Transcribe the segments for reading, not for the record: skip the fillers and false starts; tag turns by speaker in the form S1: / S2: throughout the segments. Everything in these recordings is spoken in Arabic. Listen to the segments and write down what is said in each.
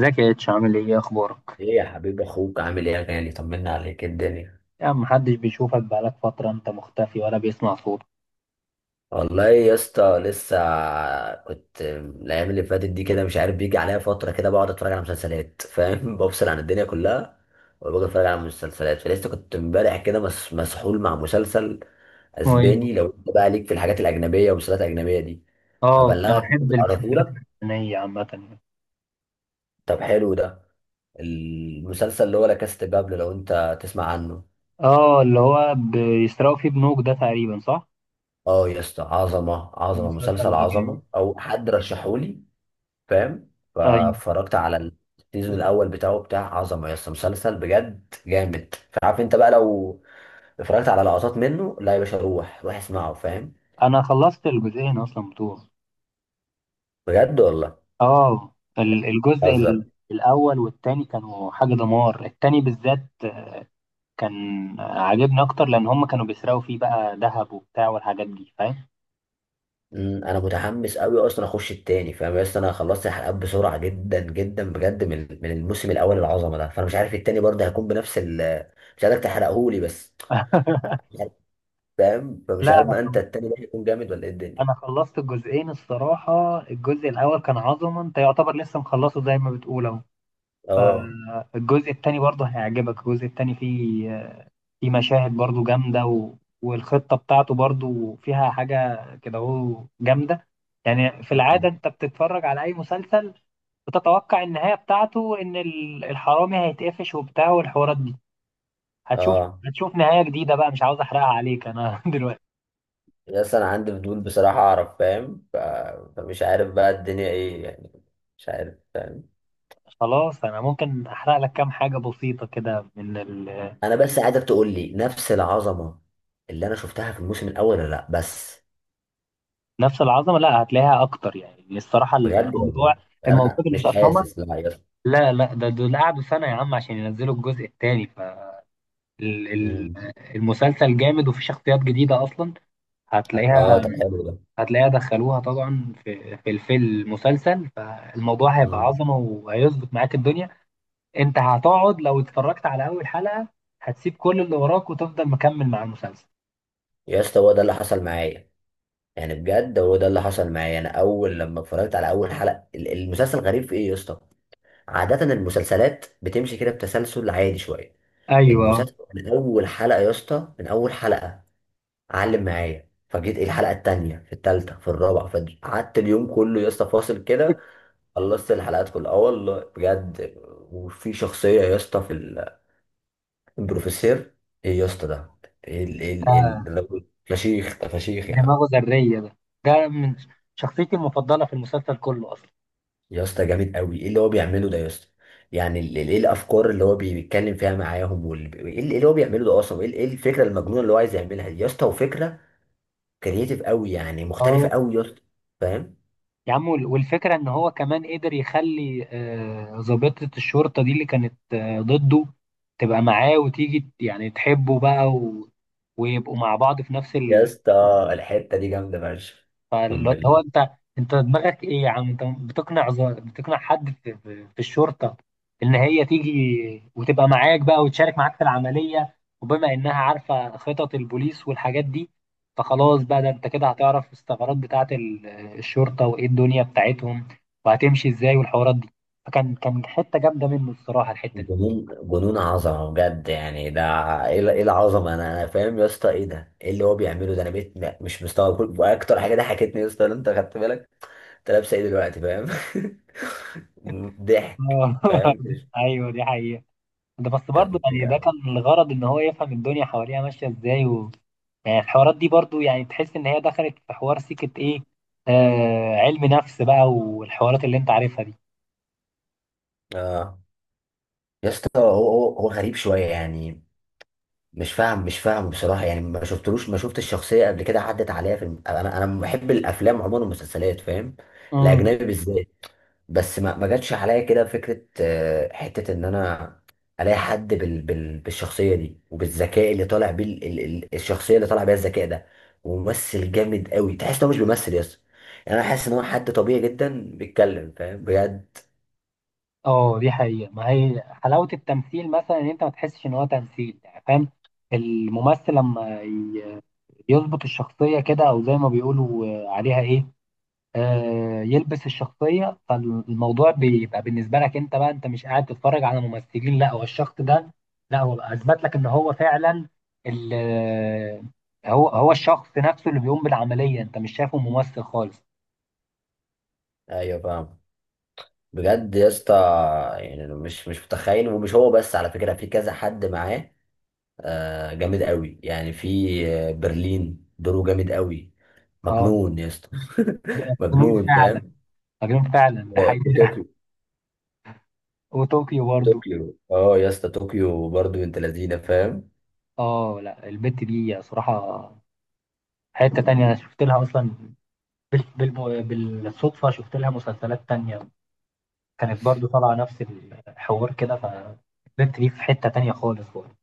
S1: ازيك يا اتش، عامل ايه؟ اخبارك؟
S2: ايه يا حبيب اخوك، عامل ايه يا غالي؟ طمنا عليك، إيه الدنيا؟
S1: يا عم، محدش بيشوفك، بقالك فترة انت مختفي ولا بيسمع صوتك.
S2: والله يا اسطى لسه كنت الايام اللي فاتت دي كده مش عارف، بيجي عليا فتره كده بقعد اتفرج على مسلسلات فاهم؟ بفصل عن الدنيا كلها وبقعد اتفرج على مسلسلات. فلسه كنت امبارح كده مسحول مع مسلسل
S1: اسمه ايه؟
S2: اسباني، لو انت بقى ليك في الحاجات الاجنبيه والمسلسلات الاجنبيه دي
S1: اه، انا
S2: هبلغك منه
S1: بحب
S2: على
S1: المسلسلات
S2: لك.
S1: الفلسطينية عامة يعني.
S2: طب حلو ده المسلسل، اللي هو لا كاست بابل، لو انت تسمع عنه.
S1: اه، اللي هو بيسرقوا فيه بنوك ده تقريبا، صح؟
S2: اه يا اسطى عظمه عظمه،
S1: المسلسل
S2: مسلسل
S1: ده
S2: عظمه
S1: جامد.
S2: او حد رشحولي فاهم؟
S1: ايوه.
S2: فاتفرجت على السيزون الاول بتاعه، بتاع عظمه يا اسطى، مسلسل بجد جامد. فعارف انت بقى لو اتفرجت على لقطات منه، لا يا باشا روح اسمعه فاهم؟
S1: انا خلصت الجزئين اصلا بتوعه.
S2: بجد والله.
S1: اه، الجزء
S2: بهزر.
S1: الاول والتاني كانوا حاجة دمار، التاني بالذات كان عاجبني اكتر لان هم كانوا بيسرقوا فيه بقى ذهب وبتاع والحاجات دي، فاهم.
S2: انا متحمس قوي اصلا اخش التاني فاهم يا اسطى؟ انا خلصت الحلقات بسرعه جدا جدا بجد من الموسم الاول العظمه ده، فانا مش عارف التاني برضه هيكون بنفس ال... مش عارف تحرقهولي بس. مش عارف، فاهم؟ فمش عارف
S1: لا،
S2: ما انت التاني ده هيكون جامد ولا ايه الدنيا.
S1: انا خلصت الجزئين الصراحه. الجزء الاول كان عظمه انت، يعتبر لسه مخلصه زي ما بتقول اهو.
S2: اه.
S1: الجزء التاني برضه هيعجبك. الجزء التاني فيه مشاهد برضه جامده والخطه بتاعته برضه فيها حاجه كده اهو جامده. يعني في العاده
S2: أمم.
S1: انت بتتفرج على اي مسلسل، بتتوقع النهايه بتاعته ان الحرامي هيتقفش وبتاع والحوارات دي. هتشوف
S2: اه.
S1: هتشوف نهايه جديده بقى، مش عاوز احرقها عليك انا دلوقتي.
S2: بس انا عندي فضول بصراحة اعرف فاهم فمش عارف بقى الدنيا ايه يعني. مش عارف فاهم.
S1: خلاص، انا ممكن احرق لك كام حاجه بسيطه كده.
S2: انا بس عايزك تقول لي نفس العظمة اللي انا شفتها في الموسم الاول ولا لا بس.
S1: نفس العظمه؟ لا، هتلاقيها اكتر يعني الصراحه.
S2: بجد
S1: الموضوع
S2: والله؟
S1: الموضوع
S2: انا مش
S1: بالنسبه، اصل هما،
S2: حاسس لا يا اسطى.
S1: لا لا، ده دول قعدوا سنه يا عم عشان ينزلوا الجزء الثاني،
S2: أمم.
S1: فالمسلسل جامد وفي شخصيات جديده اصلا.
S2: اه
S1: هتلاقيها.
S2: طب حلو ده.
S1: هتلاقيها دخلوها طبعا في في المسلسل، فالموضوع هيبقى
S2: أمم.
S1: عظمه وهيظبط معاك الدنيا. انت هتقعد لو اتفرجت على اول حلقه، هتسيب كل اللي وراك وتفضل مكمل مع المسلسل.
S2: يا اسطى هو ده اللي حصل معايا. يعني بجد هو ده اللي حصل معايا. انا اول لما اتفرجت على اول حلقة المسلسل غريب في ايه يا اسطى. عادة المسلسلات بتمشي كده بتسلسل عادي شوية.
S1: ايوه،
S2: المسلسل من اول حلقة يا اسطى، من اول حلقة علم معايا. فجيت إيه الحلقه التانيه، في التالته، في الرابعه، فقعدت اليوم كله يا اسطى فاصل كده. خلصت الحلقات كلها، اه والله بجد. وفي شخصيه يا اسطى في البروفيسور، ايه يا اسطى ده؟ إيه ال إيه ال إيه ال ده أنا- فشيخ ده، فشيخ يا عم.
S1: دماغه ذريه ده. ده من شخصيتي المفضله في المسلسل كله اصلا.
S2: يا اسطى جامد قوي. ايه اللي هو بيعمله ده يا اسطى؟ يعني ايه الافكار اللي هو بيتكلم فيها معاهم؟ إيه اللي هو بيعمله ده اصلا؟ إيه الفكره المجنونه اللي هو عايز يعملها دي يا اسطى؟ وفكره كرييتيف قوي، يعني مختلفه
S1: اه
S2: قوي يا اسطى فاهم؟
S1: يا عم، والفكرة ان هو كمان قدر يخلي ضابطة الشرطة دي اللي كانت ضده، تبقى معاه وتيجي يعني تحبه بقى، و... ويبقوا مع بعض في نفس.
S2: يا اسطى الحته دي جامده فشخ، اقسم
S1: فاللي هو
S2: بالله.
S1: انت، انت دماغك ايه يا عم؟ انت بتقنع بتقنع حد في الشرطه، ان هي تيجي وتبقى معاك بقى وتشارك معاك في العمليه، وبما انها عارفه خطط البوليس والحاجات دي، فخلاص بقى، ده انت كده هتعرف الثغرات بتاعه الشرطه، وايه الدنيا بتاعتهم وهتمشي ازاي والحوارات دي. فكان حته جامده منه الصراحه الحته دي.
S2: جنون جنون، عظمه بجد يعني ده. إيه العظمه؟ انا فاهم يا اسطى. ايه ده؟ ايه اللي هو بيعمله ده؟ انا بقيت مش مستوعب. واكتر حاجه ضحكتني يا اسطى لو انت خدت بالك، انت لابسه ايه دلوقتي فاهم؟ ضحك
S1: آه.
S2: فاهم؟
S1: ايوه دي حقيقه. ده بس
S2: كانت
S1: برضه يعني ده كان
S2: مضحكة.
S1: الغرض ان هو يفهم الدنيا حواليها ماشيه ازاي. يعني الحوارات دي برضو يعني تحس ان هي دخلت في حوار سكة ايه، علم نفس بقى، والحوارات اللي انت عارفها دي.
S2: اه يا اسطى، هو غريب شويه يعني. مش فاهم بصراحه، يعني ما شفتلوش، ما شفت الشخصيه قبل كده، عدت عليا في انا بحب الافلام عموما والمسلسلات فاهم؟
S1: امم.
S2: الاجنبي بالذات. بس ما جاتش عليا كده فكره حته ان انا الاقي حد بالشخصيه دي، وبالذكاء اللي طالع بيه الشخصيه اللي طالع بيها الذكاء ده. وممثل جامد قوي، تحس ان هو مش بيمثل يس، يعني انا حاسس ان هو حد طبيعي جدا بيتكلم فاهم؟ بجد.
S1: اه، دي حقيقة، ما هي حلاوة التمثيل مثلا ان انت ما تحسش ان هو تمثيل يعني، فاهم. الممثل لما يظبط الشخصية كده، او زي ما بيقولوا عليها ايه، يلبس الشخصية، فالموضوع بيبقى بالنسبة لك انت، بقى انت مش قاعد تتفرج على ممثلين، لا هو الشخص ده. لا هو اثبت لك ان هو فعلا ال آه، هو الشخص نفسه اللي بيقوم بالعملية، انت مش شايفه ممثل خالص.
S2: ايوه فاهم. بجد يا اسطى. يعني أنا مش متخيل. ومش هو بس، على فكره في كذا حد معاه جامد قوي. يعني في برلين، دوره جامد قوي،
S1: اه.
S2: مجنون يا اسطى.
S1: ده مجنون
S2: مجنون
S1: فعلا.
S2: فاهم؟
S1: مجنون فعلا ده حقيقي
S2: وطوكيو.
S1: وطوكيو برضه.
S2: طوكيو اه يا اسطى، طوكيو برضه انت لذينه فاهم؟
S1: اه لا، البت دي صراحة حتة تانية انا شفت لها اصلا، بال... بال... بالصدفة شفت لها مسلسلات تانية، كانت برضو طالعة نفس الحوار كده، فالبنت دي في حتة تانية خالص برضه.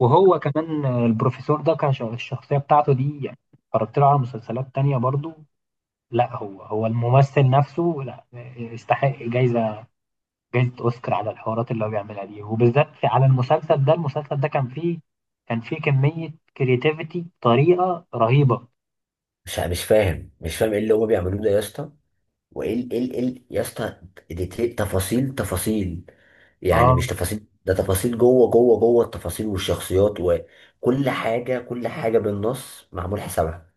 S1: وهو كمان البروفيسور ده كان الشخصية بتاعته دي، يعني اتفرجت له على مسلسلات تانية برضو. لا هو الممثل نفسه، لا يستحق جايزة، جايزة أوسكار على الحوارات اللي هو بيعملها دي، وبالذات على المسلسل ده. المسلسل ده كان فيه كمية كرياتيفيتي بطريقة رهيبة.
S2: مش فاهم ايه اللي هما بيعملوه ده يا اسطى؟ وايه ال- ايه ال- ايه ال- يا اسطى دي تفاصيل تفاصيل. يعني
S1: اه
S2: مش تفاصيل ده، تفاصيل جوه جوه جوه التفاصيل، والشخصيات وكل حاجه، كل حاجه بالنص معمول حسابها.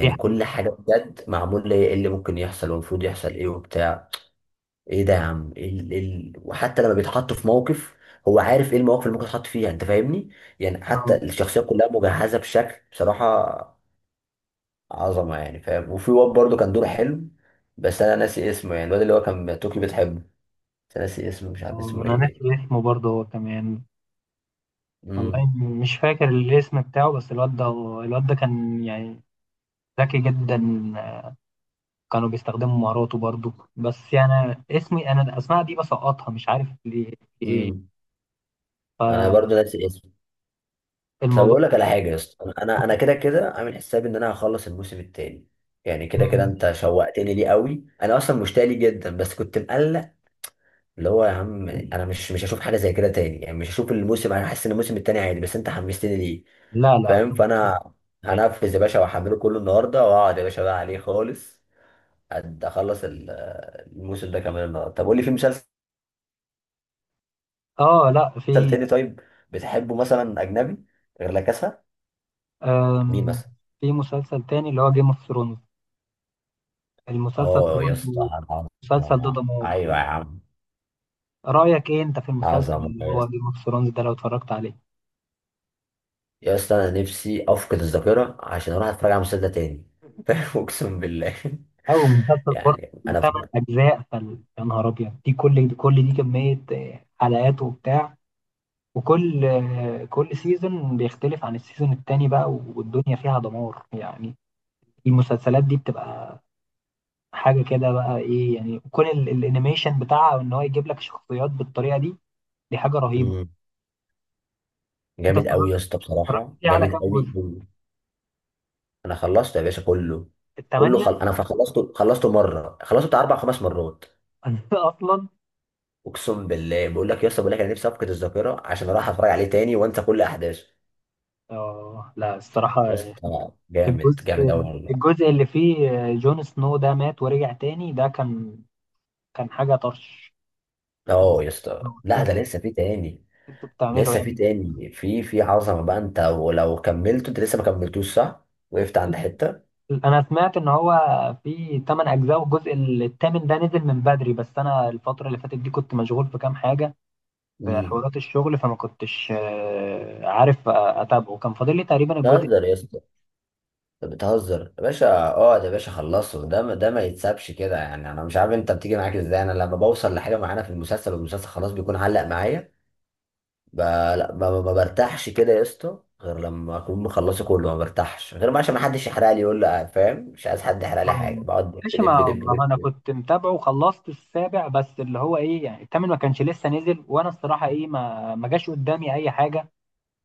S1: دي
S2: كل
S1: حقيقة.
S2: حاجه بجد معمول ليه ايه اللي ممكن يحصل، والمفروض يحصل ايه، وبتاع. ايه ده يا عم؟ وحتى لما بيتحط في موقف هو عارف ايه المواقف اللي ممكن يتحط فيها انت فاهمني؟ يعني حتى
S1: اه،
S2: الشخصيه كلها مجهزه بشكل بصراحه عظمه يعني فاهم. وفي واد برضه كان دوره حلو، بس انا ناسي اسمه. يعني الواد اللي هو كان توكي بتحبه، بس أنا ناسي اسمه، مش عارف اسمه
S1: انا
S2: ايه.
S1: ناسي اسمه برضه هو كمان. والله،
S2: امم.
S1: مش فاكر الاسم بتاعه، بس الواد ده، الواد ده كان يعني ذكي جدا، كانوا بيستخدموا مهاراته برضو، بس يعني اسمي انا، الاسماء دي بسقطها مش عارف ليه.
S2: امم. انا برضه ناسي اسمه. طب
S1: الموضوع
S2: اقول لك على حاجه يا اسطى، انا انا أنا كده كده عامل حسابي ان انا هخلص الموسم التاني. يعني كده كده انت شوقتني ليه قوي، انا اصلا مشتاق ليه جدا بس كنت مقلق. اللي هو يا عم انا مش هشوف حاجه زي كده تاني، يعني مش هشوف الموسم. انا حاسس ان الموسم التاني عادي بس انت حمستني ليه
S1: لا لا،
S2: فاهم؟
S1: هتبقى
S2: فانا
S1: تاني.
S2: هنفذ يا باشا واحمله كله النهارده، واقعد يا باشا بقى عليه خالص، قد اخلص الموسم ده كمان النهارده. طب قول لي، في مسلسل
S1: اه لا، في.
S2: تاني طيب بتحبه مثلا اجنبي غير لا كاسا؟ مين
S1: آم.
S2: مثلا؟
S1: في مسلسل تاني اللي هو جيم اوف ثرونز، المسلسل ده
S2: اه يا اسطى
S1: برضه، المسلسل ده
S2: عظمه،
S1: دمار.
S2: ايوه يا عم.
S1: رأيك ايه انت في المسلسل
S2: عظمه
S1: اللي
S2: يا
S1: هو
S2: اسطى.
S1: جيم اوف ثرونز ده لو اتفرجت عليه؟
S2: يا اسطى انا نفسي افقد الذاكره عشان اروح اتفرج على المسلسل ده تاني. اقسم بالله.
S1: او مسلسل بارت،
S2: يعني انا
S1: 8 اجزاء، يا نهار ابيض، دي كميه حلقات وبتاع، وكل آه، كل سيزون بيختلف عن السيزون التاني بقى، والدنيا فيها دمار يعني. المسلسلات دي بتبقى حاجه كده بقى، ايه يعني كون الانيميشن بتاعها ان هو يجيب لك شخصيات بالطريقه دي، دي حاجه رهيبه. انت
S2: جامد قوي
S1: اتفرجت،
S2: يا اسطى، بصراحه
S1: فيه على
S2: جامد
S1: كام جزء؟
S2: قوي قوي. انا خلصته يا باشا كله. كله
S1: الثمانيه؟
S2: خل... انا خلصته خلصته مره، خلصته بتاع اربع خمس مرات.
S1: اصلا.
S2: اقسم بالله، بقول لك يا اسطى، بقول لك انا نفسي افقد الذاكره عشان اروح اتفرج عليه تاني وانسى كل احداثه.
S1: اه لا الصراحه،
S2: يا اسطى جامد جامد
S1: الجزء
S2: قوي والله.
S1: الجزء اللي فيه جون سنو ده مات ورجع تاني، ده كان حاجة طرش.
S2: اه يا اسطى لا،
S1: انت-
S2: ده لسه في تاني.
S1: انتوا بتعملوا إيه؟
S2: لسه في
S1: يعني.
S2: تاني، في في عظمه بقى انت، ولو كملته انت لسه ما كملتوش صح؟ وقفت عند حته.
S1: انا سمعت ان هو في 8 اجزاء، والجزء الثامن ده نزل من بدري، بس انا الفترة اللي فاتت دي كنت مشغول في كام حاجة، في
S2: امم.
S1: حوارات الشغل، فما كنتش عارف اتابعه، كان فاضل لي تقريبا الجزء.
S2: تهزر يا اسطى؟ انت بتهزر يا باشا. اقعد يا باشا خلصه ده، ما- ده ما يتسابش كده. يعني انا مش عارف انت بتيجي معاك ازاي، انا لما بوصل لحاجه معينه في المسلسل والمسلسل خلاص بيكون علق معايا لا، ما برتاحش كده يا اسطى غير لما اكون مخلصه كله. ما برتاحش غير ما، عشان ما حدش يحرق لي يقول لي فاهم؟ مش عايز حد يحرق لي حاجه.
S1: آه،
S2: بقعد دب
S1: ماشي، ما
S2: دب دب دب,
S1: ما انا
S2: دب.
S1: كنت متابعه وخلصت السابع، بس اللي هو ايه يعني، الثامن ما كانش لسه نزل، وانا الصراحة ايه، ما جاش قدامي اي حاجة.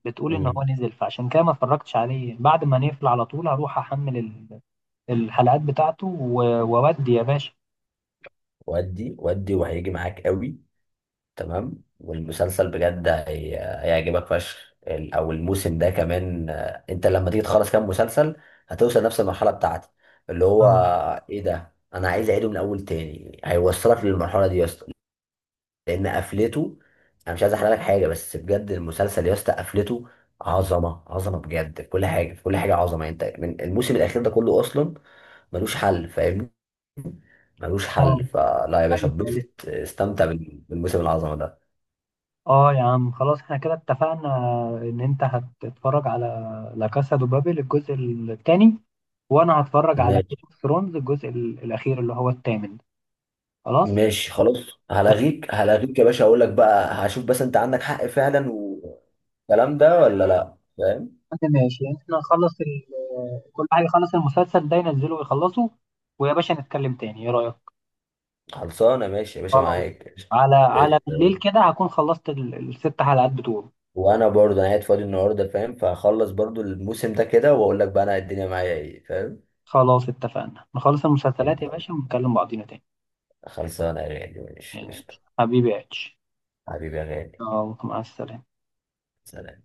S1: بتقول ان هو
S2: مم.
S1: نزل، فعشان كده ما اتفرجتش عليه. بعد ما نقفل على طول هروح احمل الحلقات بتاعته واودي يا باشا.
S2: ودي وهيجي معاك قوي. تمام. والمسلسل بجد هيعجبك فشخ. ال- او الموسم ده كمان انت لما تيجي تخلص كام مسلسل هتوصل نفس المرحله بتاعتي، اللي هو
S1: اه.
S2: ايه ده، انا عايز اعيده من اول تاني. هيوصلك للمرحله دي يا اسطى، لان قفلته. انا مش عايز احرق لك حاجه، بس بجد المسلسل يا اسطى قفلته عظمه عظمه بجد، في كل حاجه، في كل حاجه عظمه انت، من الموسم الاخير ده كله اصلا ملوش حل فاهمني؟ ملوش
S1: اه.
S2: حل. فلا يا باشا،
S1: ايوه.
S2: اتبسط استمتع بالموسم العظمه ده.
S1: اه يا عم، خلاص احنا كده اتفقنا ان انت هتتفرج على لا كاسا دو بابل الجزء الثاني، وانا هتفرج على جيم
S2: ماشي.
S1: اوف ثرونز الجزء الاخير اللي هو الثامن. خلاص.
S2: ماشي خلاص.
S1: يا
S2: هلغيك يا باشا، اقول لك بقى هشوف بس، انت عندك حق فعلا والكلام ده ولا لا فاهم؟
S1: عم ماشي، احنا نخلص كل حاجه، يخلص المسلسل ده، ينزله ويخلصه، ويا باشا نتكلم تاني، ايه رايك؟
S2: خلصانه ماشي يا باشا،
S1: خلاص.
S2: معاك قشطة.
S1: على بالليل
S2: قشطة.
S1: كده هكون خلصت الست حلقات بتوعه.
S2: وانا برضه انا قاعد فاضي النهارده فاهم؟ فهخلص برضه الموسم ده كده واقول لك بقى انا الدنيا معايا ايه فاهم؟
S1: خلاص اتفقنا نخلص المسلسلات يا باشا، ونكلم بعضينا تاني.
S2: خلصانه يا غالي، ماشي
S1: ماشي.
S2: قشطة.
S1: حبيبي يا اتش.
S2: حبيبي يا غالي.
S1: يلا، مع السلامة.
S2: سلام.